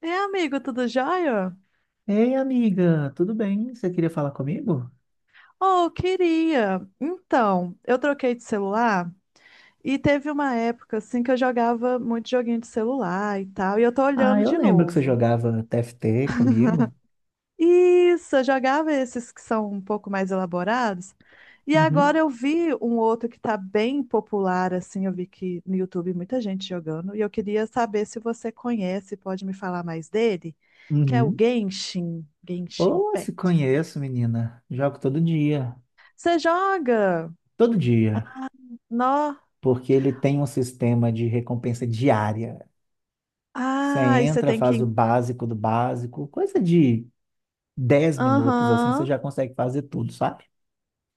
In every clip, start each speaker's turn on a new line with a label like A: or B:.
A: É, amigo, tudo jóia?
B: Ei, amiga, tudo bem? Você queria falar comigo?
A: Oh, queria. Então, eu troquei de celular e teve uma época assim que eu jogava muito joguinho de celular e tal, e eu tô
B: Ah,
A: olhando
B: eu
A: de
B: lembro que você
A: novo.
B: jogava TFT comigo.
A: Isso, eu jogava esses que são um pouco mais elaborados. E agora
B: Uhum,
A: eu vi um outro que tá bem popular assim, eu vi que no YouTube muita gente jogando, e eu queria saber se você conhece, pode me falar mais dele, que é o
B: uhum.
A: Genshin, Genshin
B: Oh, se
A: Impact.
B: conheço, menina. Jogo todo dia.
A: Você joga?
B: Todo dia.
A: Nó.
B: Porque ele tem um sistema de recompensa diária. Você
A: Ah, e você
B: entra,
A: tem
B: faz o
A: que.
B: básico do básico, coisa de 10 minutos, assim, você
A: Aham,
B: já consegue fazer tudo, sabe?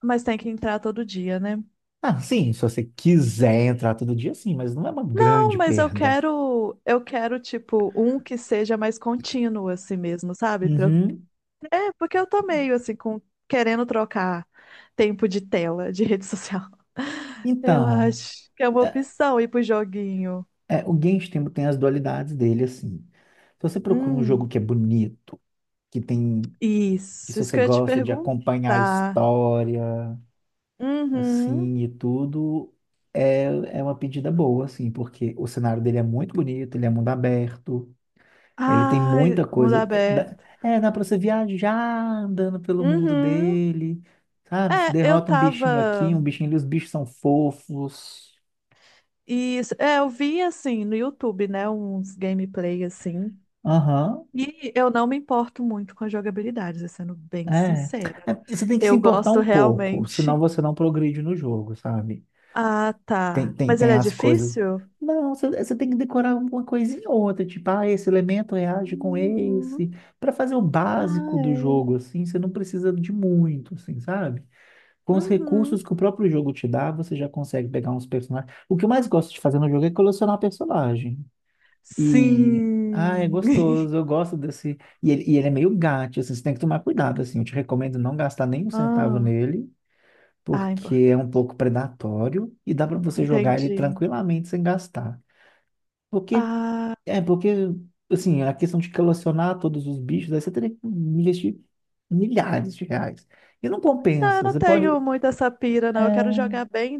A: mas tem que entrar todo dia, né?
B: Ah, sim, se você quiser entrar todo dia, sim, mas não é uma
A: Não,
B: grande
A: mas eu
B: perda.
A: quero, eu quero, tipo, um que seja mais contínuo assim mesmo, sabe? Pra eu...
B: Uhum.
A: É, porque eu tô meio assim, com... querendo trocar tempo de tela, de rede social. Eu
B: Então.
A: acho que é uma opção ir pro joguinho.
B: É, o Genshin tem as dualidades dele, assim. Se você procura um jogo
A: Hum,
B: que é bonito, que tem, que
A: isso,
B: se
A: isso
B: você
A: que eu ia te
B: gosta de acompanhar a
A: perguntar.
B: história,
A: Uhum.
B: assim, e tudo, é, é uma pedida boa, assim, porque o cenário dele é muito bonito, ele é mundo aberto, ele tem
A: Ai,
B: muita
A: mundo
B: coisa.
A: aberto.
B: É, dá pra você viajar andando pelo mundo
A: Uhum.
B: dele, sabe? Você
A: É, eu
B: derrota um bichinho aqui,
A: tava.
B: um bichinho ali, os bichos são fofos.
A: E é, eu vi assim no YouTube, né, uns gameplay assim.
B: Aham.
A: E eu não me importo muito com a jogabilidade, sendo bem
B: É,
A: sincera.
B: você tem que se
A: Eu
B: importar
A: gosto
B: um pouco, senão
A: realmente.
B: você não progride no jogo, sabe?
A: Ah, tá. Mas
B: Tem
A: ele é
B: as coisas.
A: difícil?
B: Não, você tem que decorar uma coisinha ou outra, tipo, ah, esse elemento reage com
A: Uhum.
B: esse, para fazer o
A: Ah,
B: básico do
A: é.
B: jogo, assim, você não precisa de muito, assim, sabe? Com os recursos
A: Uhum.
B: que o próprio jogo te dá, você já consegue pegar uns personagens. O que eu mais gosto de fazer no jogo é colecionar personagem. E, ah, é
A: Sim.
B: gostoso, eu gosto desse. E ele é meio gato, assim, você tem que tomar cuidado, assim. Eu te recomendo não gastar nem um centavo
A: Ah,
B: nele,
A: ah, é
B: porque
A: importante.
B: é um pouco predatório e dá para você jogar ele
A: Entendi.
B: tranquilamente sem gastar. Porque,
A: Ah,
B: é, porque, assim, a questão de colecionar todos os bichos, aí você teria que investir milhares de reais. E não
A: não, eu
B: compensa,
A: não
B: você pode.
A: tenho muito essa pira, não. Eu quero jogar bem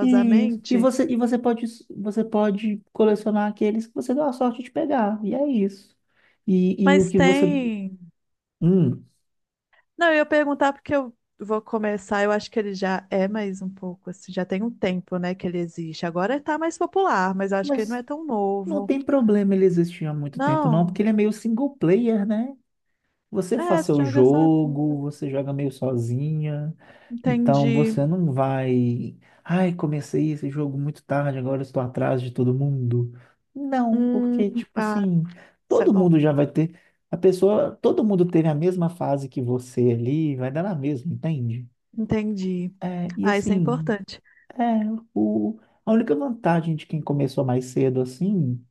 B: E você pode colecionar aqueles que você deu a sorte de pegar. E é isso. O
A: mas
B: que você.
A: tem.
B: Hum,
A: Não, eu ia perguntar porque eu vou começar. Eu acho que ele já é mais um pouco, assim, já tem um tempo, né, que ele existe. Agora ele tá mais popular, mas eu acho que ele não
B: mas
A: é tão
B: não
A: novo.
B: tem problema ele existir há muito tempo, não,
A: Não,
B: porque ele é meio single player, né? Você faz
A: é, você
B: seu
A: joga
B: jogo,
A: sozinho.
B: você joga meio sozinha, então
A: Entendi.
B: você não vai. Ai, comecei esse jogo muito tarde, agora estou atrás de todo mundo. Não,
A: Hum,
B: porque, tipo
A: ah,
B: assim,
A: isso é
B: todo
A: bom.
B: mundo já vai ter. A pessoa, todo mundo teve a mesma fase que você ali, vai dar na mesma, entende?
A: Entendi.
B: É, e
A: Ah, isso é
B: assim,
A: importante.
B: é, o, a única vantagem de quem começou mais cedo assim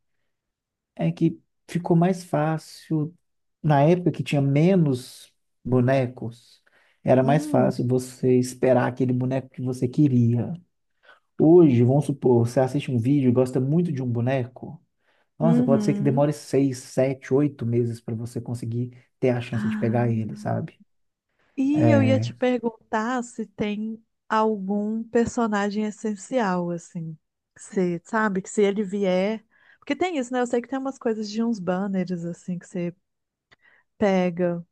B: é que ficou mais fácil na época que tinha menos bonecos, era mais
A: Hum,
B: fácil você esperar aquele boneco que você queria. Hoje, vamos supor, você assiste um vídeo e gosta muito de um boneco. Nossa, pode ser que
A: uhum.
B: demore 6, 7, 8 meses para você conseguir ter a chance de pegar
A: Ah.
B: ele, sabe?
A: E eu ia
B: É...
A: te perguntar se tem algum personagem essencial, assim. Você sabe que se ele vier. Porque tem isso, né? Eu sei que tem umas coisas de uns banners, assim, que você pega.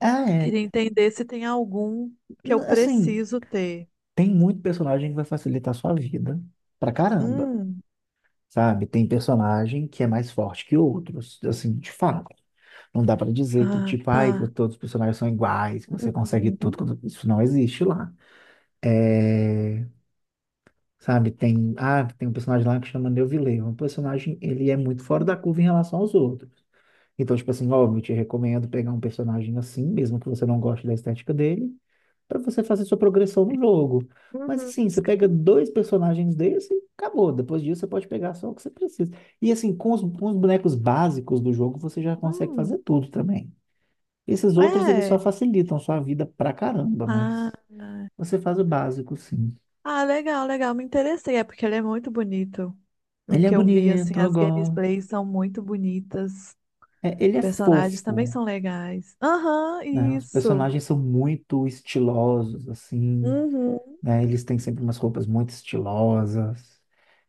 B: Ah, é.
A: Queria entender se tem algum que eu
B: Assim,
A: preciso ter.
B: tem muito personagem que vai facilitar a sua vida pra caramba,
A: Hum.
B: sabe? Tem personagem que é mais forte que outros, assim, de fato. Não dá para dizer que,
A: Ah,
B: tipo, ai, que
A: tá.
B: todos os personagens são iguais, que você consegue
A: Uhum.
B: tudo, quando isso não existe lá. É, sabe, tem, ah, tem um personagem lá que chama Neuvillette, um personagem, ele é muito fora da curva em relação aos outros. Então, tipo assim, óbvio, eu te recomendo pegar um personagem assim, mesmo que você não goste da estética dele, para você fazer sua progressão no jogo. Mas
A: Uhum.
B: assim, você
A: Isso
B: pega 2 personagens desse e acabou. Depois disso, você pode pegar só o que você precisa. E assim, com os bonecos básicos do jogo, você já consegue
A: Hum.
B: fazer tudo também. Esses outros, eles só
A: É.
B: facilitam sua vida pra caramba,
A: Ah,
B: mas você faz o básico, sim.
A: ah, legal, legal. Me interessei. É porque ele é muito bonito. O
B: Ele é
A: que eu vi, assim,
B: bonito, eu
A: as
B: gosto.
A: gameplays são muito bonitas.
B: É, ele é
A: Personagens também
B: fofo,
A: são legais. Aham,
B: né? Os
A: isso.
B: personagens são muito estilosos, assim,
A: Uhum.
B: né? Eles têm sempre umas roupas muito estilosas.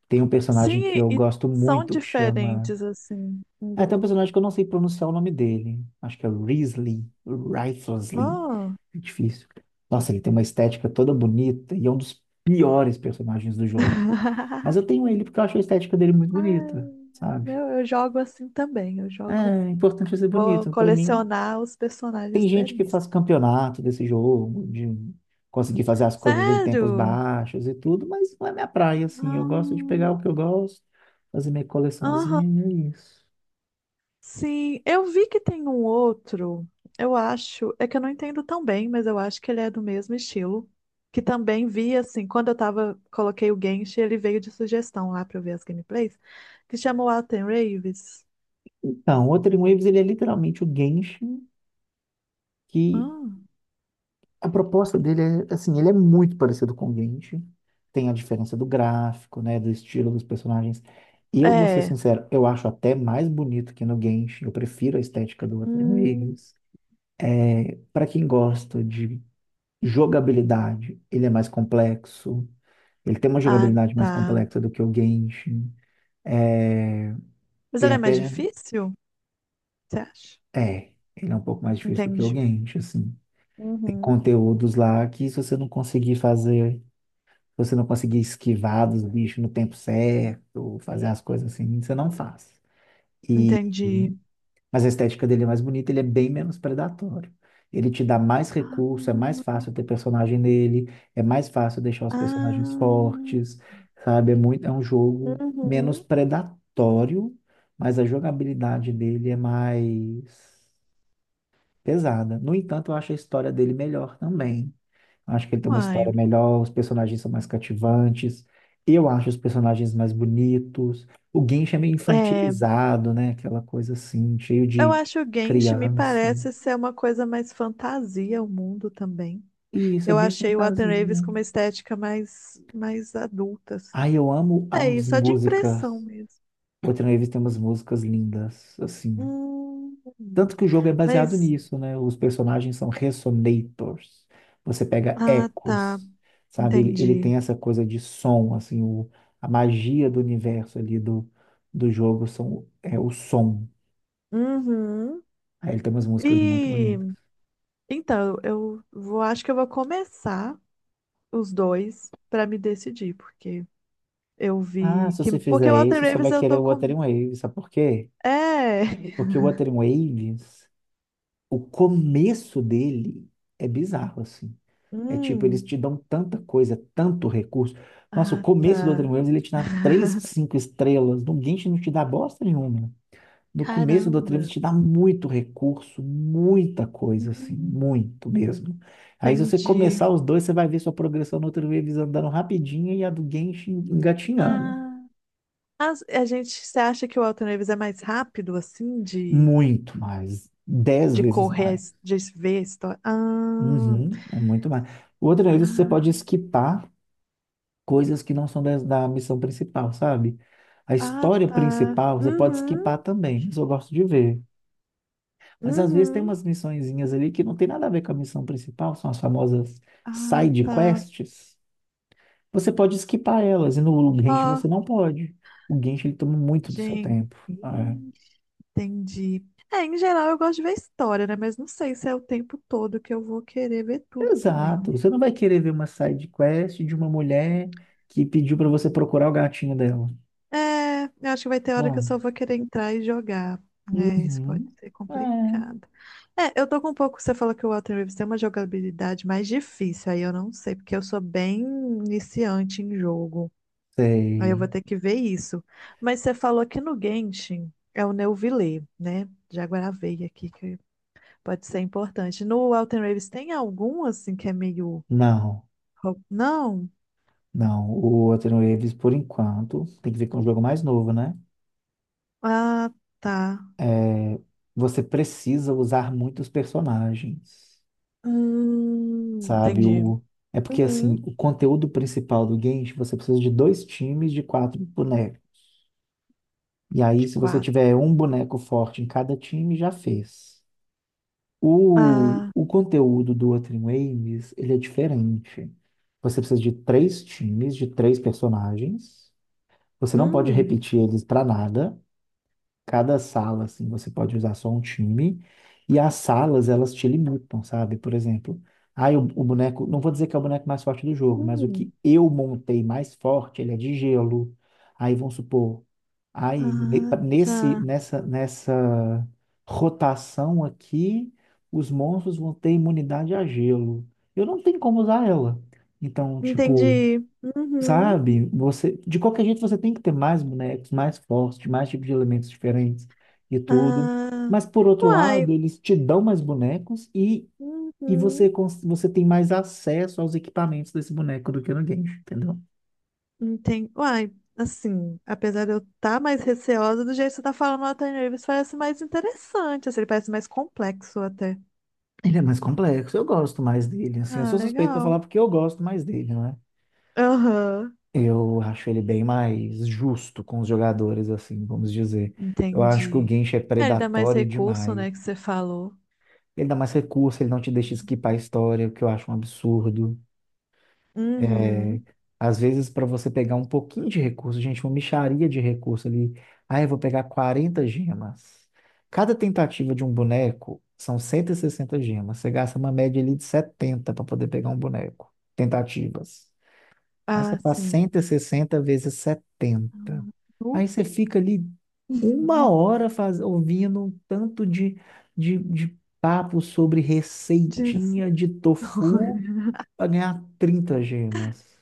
B: Tem um personagem que
A: Sim,
B: eu
A: e
B: gosto
A: são
B: muito que chama.
A: diferentes, assim, um
B: Ah,
A: do
B: tem um
A: outro.
B: personagem que eu não sei pronunciar o nome dele. Acho que é Risley, Rifelsley.
A: Ah.
B: É difícil. Nossa, ele tem uma estética toda bonita e é um dos piores personagens do jogo. Mas eu tenho ele porque eu acho a estética dele muito
A: Ah,
B: bonita, sabe?
A: meu, eu jogo assim também. Eu
B: É,
A: jogo.
B: é importante ser
A: Vou
B: bonito. Pra mim,
A: colecionar os personagens
B: tem gente que faz
A: belíssimos.
B: campeonato desse jogo, de conseguir fazer as coisas em tempos
A: Sério?
B: baixos e tudo, mas não é minha praia, assim. Eu gosto de
A: Ah,
B: pegar o que eu gosto, fazer minha
A: aham.
B: coleçãozinha e é isso.
A: Sim, eu vi que tem um outro, eu acho, é que eu não entendo tão bem, mas eu acho que ele é do mesmo estilo, que também vi, assim, quando eu tava, coloquei o Genshin, ele veio de sugestão lá pra eu ver as gameplays, que chamou Alten Raves.
B: Então, o Wuthering Waves, ele é literalmente o Genshin que
A: Hum,
B: a proposta dele é, assim, ele é muito parecido com o Grinch, tem a diferença do gráfico, né, do estilo dos personagens. E eu vou ser
A: é.
B: sincero, eu acho até mais bonito que no Genshin, eu prefiro a estética do Ateliê
A: Hum,
B: Migs. Para quem gosta de jogabilidade, ele é mais complexo, ele tem uma
A: ah,
B: jogabilidade mais
A: tá.
B: complexa do que o Genshin. É,
A: Mas
B: tem
A: ele é mais
B: até,
A: difícil, você acha?
B: é, ele é um pouco mais difícil do que o
A: Entendi.
B: Genshin, assim. Tem
A: Uhum.
B: conteúdos lá que se você não conseguir fazer, você não conseguir esquivar dos bichos no tempo certo, fazer as coisas assim, você não faz. E,
A: Entendi.
B: mas a estética dele é mais bonita, ele é bem menos predatório. Ele te dá mais
A: Ah,
B: recurso, é mais fácil ter personagem nele, é mais fácil deixar os personagens
A: ah,
B: fortes, sabe? É muito, é um jogo menos
A: uhum.
B: predatório, mas a jogabilidade dele é mais pesada. No entanto, eu acho a história dele melhor também. Acho que ele tem uma
A: Uai.
B: história melhor, os personagens são mais cativantes. Eu acho os personagens mais bonitos. O Genshin é meio
A: É.
B: infantilizado, né? Aquela coisa assim, cheio
A: Eu
B: de
A: acho o Genshin me
B: criança.
A: parece ser uma coisa mais fantasia, o mundo também.
B: E isso é
A: Eu
B: bem
A: achei o Watan
B: fantasia,
A: Raves
B: né?
A: com uma estética mais, mais adulta, assim.
B: Ai, eu amo
A: É
B: as
A: isso, é de impressão
B: músicas.
A: mesmo.
B: O Tino Reeves tem umas músicas lindas, assim.
A: Hum,
B: Tanto que o jogo é baseado
A: mas,
B: nisso, né? Os personagens são resonators. Você pega
A: ah, tá,
B: ecos, sabe? Ele
A: entendi.
B: tem essa coisa de som, assim, o, a magia do universo ali do, do jogo são, é o som.
A: Uhum.
B: Aí ele tem umas músicas muito
A: E
B: bonitas.
A: então, eu vou, acho que eu vou começar os dois para me decidir, porque eu
B: Ah,
A: vi
B: se
A: que.
B: você
A: Porque o
B: fizer
A: Watan
B: isso, você vai
A: Raves eu
B: querer
A: tô
B: o
A: com.
B: Wuthering Waves, sabe por quê?
A: É!
B: Porque o Wuthering Waves, o começo dele é bizarro, assim. É tipo, eles te
A: Hum,
B: dão tanta coisa, tanto recurso. Nossa, o
A: ah,
B: começo do Outrem
A: tá.
B: Waves, ele te dá 3, 5 estrelas. No Genshin não te dá bosta nenhuma. No começo do Outrem
A: Caramba.
B: Waves te dá muito recurso, muita coisa, assim,
A: Hum,
B: muito mesmo. Aí se você
A: entendi.
B: começar os dois, você vai ver sua progressão no Outrem Waves andando rapidinho e a do Genshin engatinhando.
A: Ah, a gente, você acha que o Elton Davis é mais rápido, assim, de,
B: Muito mais. Dez
A: de
B: vezes
A: correr,
B: mais.
A: de ver a história? Ah,
B: Uhum, é muito mais. O Outrem você pode
A: ah,
B: esquipar coisas que não são das, da missão principal, sabe? A
A: ah,
B: história
A: tá.
B: principal você pode
A: Uhum,
B: skipar também, isso eu gosto de ver. Mas às vezes tem
A: uhum.
B: umas missõezinhas ali que não tem nada a ver com a missão principal, são as famosas
A: Ah,
B: side
A: tá.
B: quests. Você pode skipar elas, e no Genshin
A: Ó,
B: você não pode. O Genshin ele toma muito do seu
A: gente.
B: tempo. Ah, é.
A: Ih, entendi. É, em geral eu gosto de ver história, né? Mas não sei se é o tempo todo que eu vou querer ver tudo também,
B: Exato,
A: né?
B: você não vai querer ver uma side quest de uma mulher que pediu para você procurar o gatinho dela.
A: É, eu acho que vai ter hora que eu
B: Bom,
A: só vou querer entrar e jogar. Né? Isso pode
B: uhum.
A: ser
B: É,
A: complicado. É, eu tô com um pouco. Você falou que o Walter Reeves tem uma jogabilidade mais difícil, aí eu não sei, porque eu sou bem iniciante em jogo. Aí eu
B: sei.
A: vou ter que ver isso. Mas você falou que no Genshin é o Neuvillette, né? Já gravei aqui, que pode ser importante. No Walter Reeves tem algum, assim, que é meio.
B: Não.
A: Não?
B: Não, o Anthony Davis, por enquanto, tem que ver com um jogo mais novo, né?
A: Ah, tá.
B: É, você precisa usar muitos personagens, sabe?
A: Entendi.
B: O, é porque,
A: Uhum.
B: assim, o conteúdo principal do game, você precisa de 2 times de 4 bonecos. E aí,
A: De
B: se você
A: quatro.
B: tiver um boneco forte em cada time, já fez.
A: Ah,
B: O conteúdo do Anthony Davis, ele é diferente. Você precisa de 3 times, de 3 personagens. Você não pode
A: hum,
B: repetir eles para nada. Cada sala, assim, você pode usar só um time e as salas, elas te limitam, sabe? Por exemplo, ah, o boneco, não vou dizer que é o boneco mais forte do jogo, mas o
A: hum,
B: que eu montei mais forte, ele é de gelo. Aí vamos supor, aí
A: ah, tá.
B: nessa rotação aqui, os monstros vão ter imunidade a gelo. Eu não tenho como usar ela. Então, tipo,
A: Entendi. Uhum.
B: sabe? Você, de qualquer jeito, você tem que ter mais bonecos, mais fortes, mais tipos de elementos diferentes e tudo.
A: Ah,
B: Mas, por outro
A: uai,
B: lado, eles te dão mais bonecos e,
A: uhum.
B: você tem mais acesso aos equipamentos desse boneco do que no Genshin, entendeu?
A: Entendi. Uai, assim, apesar de eu estar mais receosa, do jeito que você tá falando, o Nathan Reeves parece mais interessante, assim, ele parece mais complexo até.
B: Ele é mais complexo, eu gosto mais dele, assim. Eu
A: Ah,
B: sou suspeito pra
A: legal.
B: falar porque eu gosto mais dele, né?
A: Aham,
B: Eu acho ele bem mais justo com os jogadores, assim, vamos dizer. Eu acho que o
A: entendi.
B: Genshin é
A: É, ele dá mais
B: predatório
A: recurso,
B: demais.
A: né, que você falou.
B: Ele dá mais recurso, ele não te deixa skipar a história, o que eu acho um absurdo. É,
A: Uhum.
B: às vezes, para você pegar um pouquinho de recurso, gente, uma mixaria de recurso ali. Ah, eu vou pegar 40 gemas. Cada tentativa de um boneco são 160 gemas. Você gasta uma média ali de 70 para poder pegar um boneco. Tentativas. Aí você
A: Ah,
B: faz
A: sim.
B: 160 vezes 70. Aí
A: Nu?
B: você fica ali uma hora faz, ouvindo um tanto de, de papo sobre
A: De
B: receitinha de tofu
A: história.
B: para ganhar 30 gemas,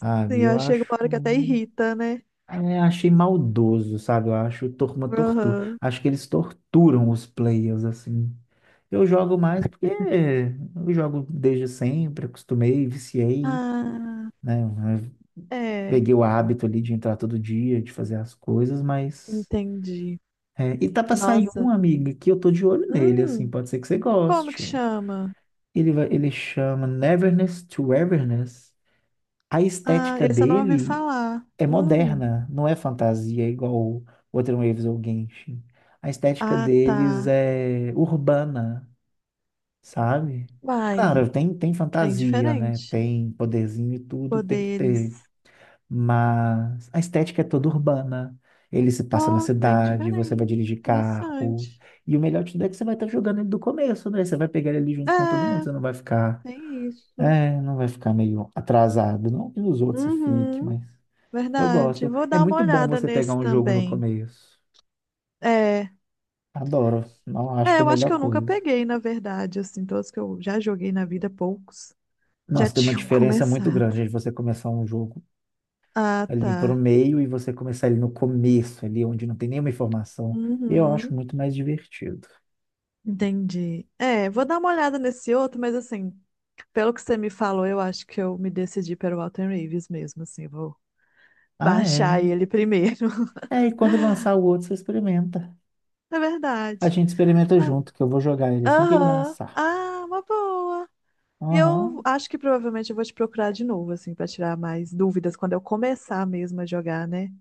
B: sabe?
A: Sim,
B: Eu
A: ó, chega uma
B: acho,
A: hora que até irrita, né?
B: é, achei maldoso, sabe? Eu acho tor- uma tortura.
A: Aham.
B: Acho que eles torturam os players assim. Eu jogo mais porque eu jogo desde sempre, acostumei, viciei,
A: Ah,
B: né?
A: é,
B: Peguei o hábito ali de entrar todo dia, de fazer as coisas, mas.
A: entendi.
B: É, e tá pra sair um,
A: Nossa.
B: amiga, que eu tô de olho nele, assim,
A: Hum,
B: pode ser que você
A: como que
B: goste.
A: chama?
B: Ele vai, ele chama Neverness to Everness. A
A: Ah,
B: estética
A: esse eu não ouvi
B: dele
A: falar.
B: é moderna, não é fantasia, é igual o Outer Waves ou Genshin. A estética
A: Ah,
B: deles
A: tá.
B: é urbana, sabe?
A: Vai,
B: Claro, tem, tem
A: bem
B: fantasia, né?
A: diferente.
B: Tem poderzinho e tudo, tem que ter.
A: Poderes.
B: Mas a estética é toda urbana. Ele se passa na
A: Oh, bem
B: cidade, você vai
A: diferente.
B: dirigir carros.
A: Interessante.
B: E o melhor de tudo é que você vai estar jogando ele do começo, né? Você vai pegar ele ali junto com todo mundo.
A: É,
B: Você não vai ficar,
A: tem isso.
B: é, não vai ficar meio atrasado. Não que os outros você fique,
A: Uhum,
B: mas eu
A: verdade.
B: gosto.
A: Vou
B: É
A: dar uma
B: muito bom
A: olhada
B: você pegar
A: nesse
B: um jogo no
A: também.
B: começo.
A: É.
B: Adoro. Não, acho
A: É,
B: que é a
A: eu acho
B: melhor
A: que eu nunca
B: coisa.
A: peguei, na verdade, assim, todos que eu já joguei na vida, poucos, já
B: Nossa, tem uma
A: tinham
B: diferença muito
A: começado.
B: grande de você começar um jogo
A: Ah,
B: ali pro
A: tá.
B: meio e você começar ele no começo, ali onde não tem nenhuma informação. Eu acho
A: Uhum,
B: muito mais divertido.
A: entendi. É, vou dar uma olhada nesse outro, mas assim, pelo que você me falou, eu acho que eu me decidi pelo Walter Raves mesmo, assim, vou
B: Ah,
A: baixar
B: é.
A: ele primeiro.
B: É, e quando lançar o outro, você experimenta.
A: É
B: A
A: verdade.
B: gente experimenta
A: Ah,
B: junto, que eu vou jogar ele assim que ele
A: aham.
B: lançar.
A: Ah, uma boa. E eu
B: Aham.
A: acho que provavelmente eu vou te procurar de novo, assim, para tirar mais dúvidas quando eu começar mesmo a jogar, né?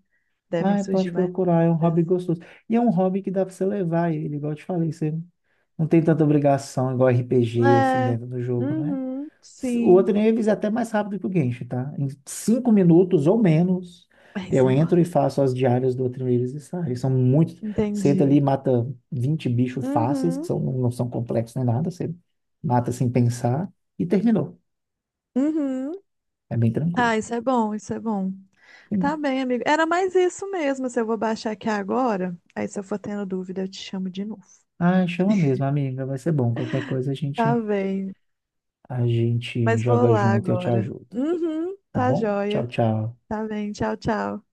A: Devem
B: Ah,
A: surgir
B: pode
A: mais
B: procurar, é um hobby
A: dúvidas.
B: gostoso. E é um hobby que dá pra você levar ele, igual eu te falei, você não tem tanta obrigação, igual RPG, assim,
A: É.
B: dentro do jogo, né?
A: Uhum,
B: O
A: sim.
B: Oddnieves é até mais rápido que o Genshin, tá? Em 5 minutos ou menos,
A: É, isso
B: eu
A: é
B: entro e
A: importante.
B: faço as diárias do Oddnieves e saio. São muitos. Senta ali e
A: Entendi.
B: mata 20 bichos fáceis, que
A: Uhum,
B: são, não são complexos nem nada. Você mata sem pensar e terminou.
A: uhum.
B: É bem tranquilo.
A: Ah, isso é bom, isso é bom. Tá
B: Sim.
A: bem, amigo. Era mais isso mesmo. Se eu vou baixar aqui agora, aí se eu for tendo dúvida, eu te chamo de novo.
B: Ah, chama mesmo, amiga. Vai ser bom. Qualquer coisa
A: Tá bem.
B: a gente
A: Mas vou
B: joga
A: lá
B: junto e eu te
A: agora.
B: ajudo.
A: Uhum,
B: Tá
A: tá
B: bom? Tchau,
A: joia.
B: tchau.
A: Tá bem. Tchau, tchau.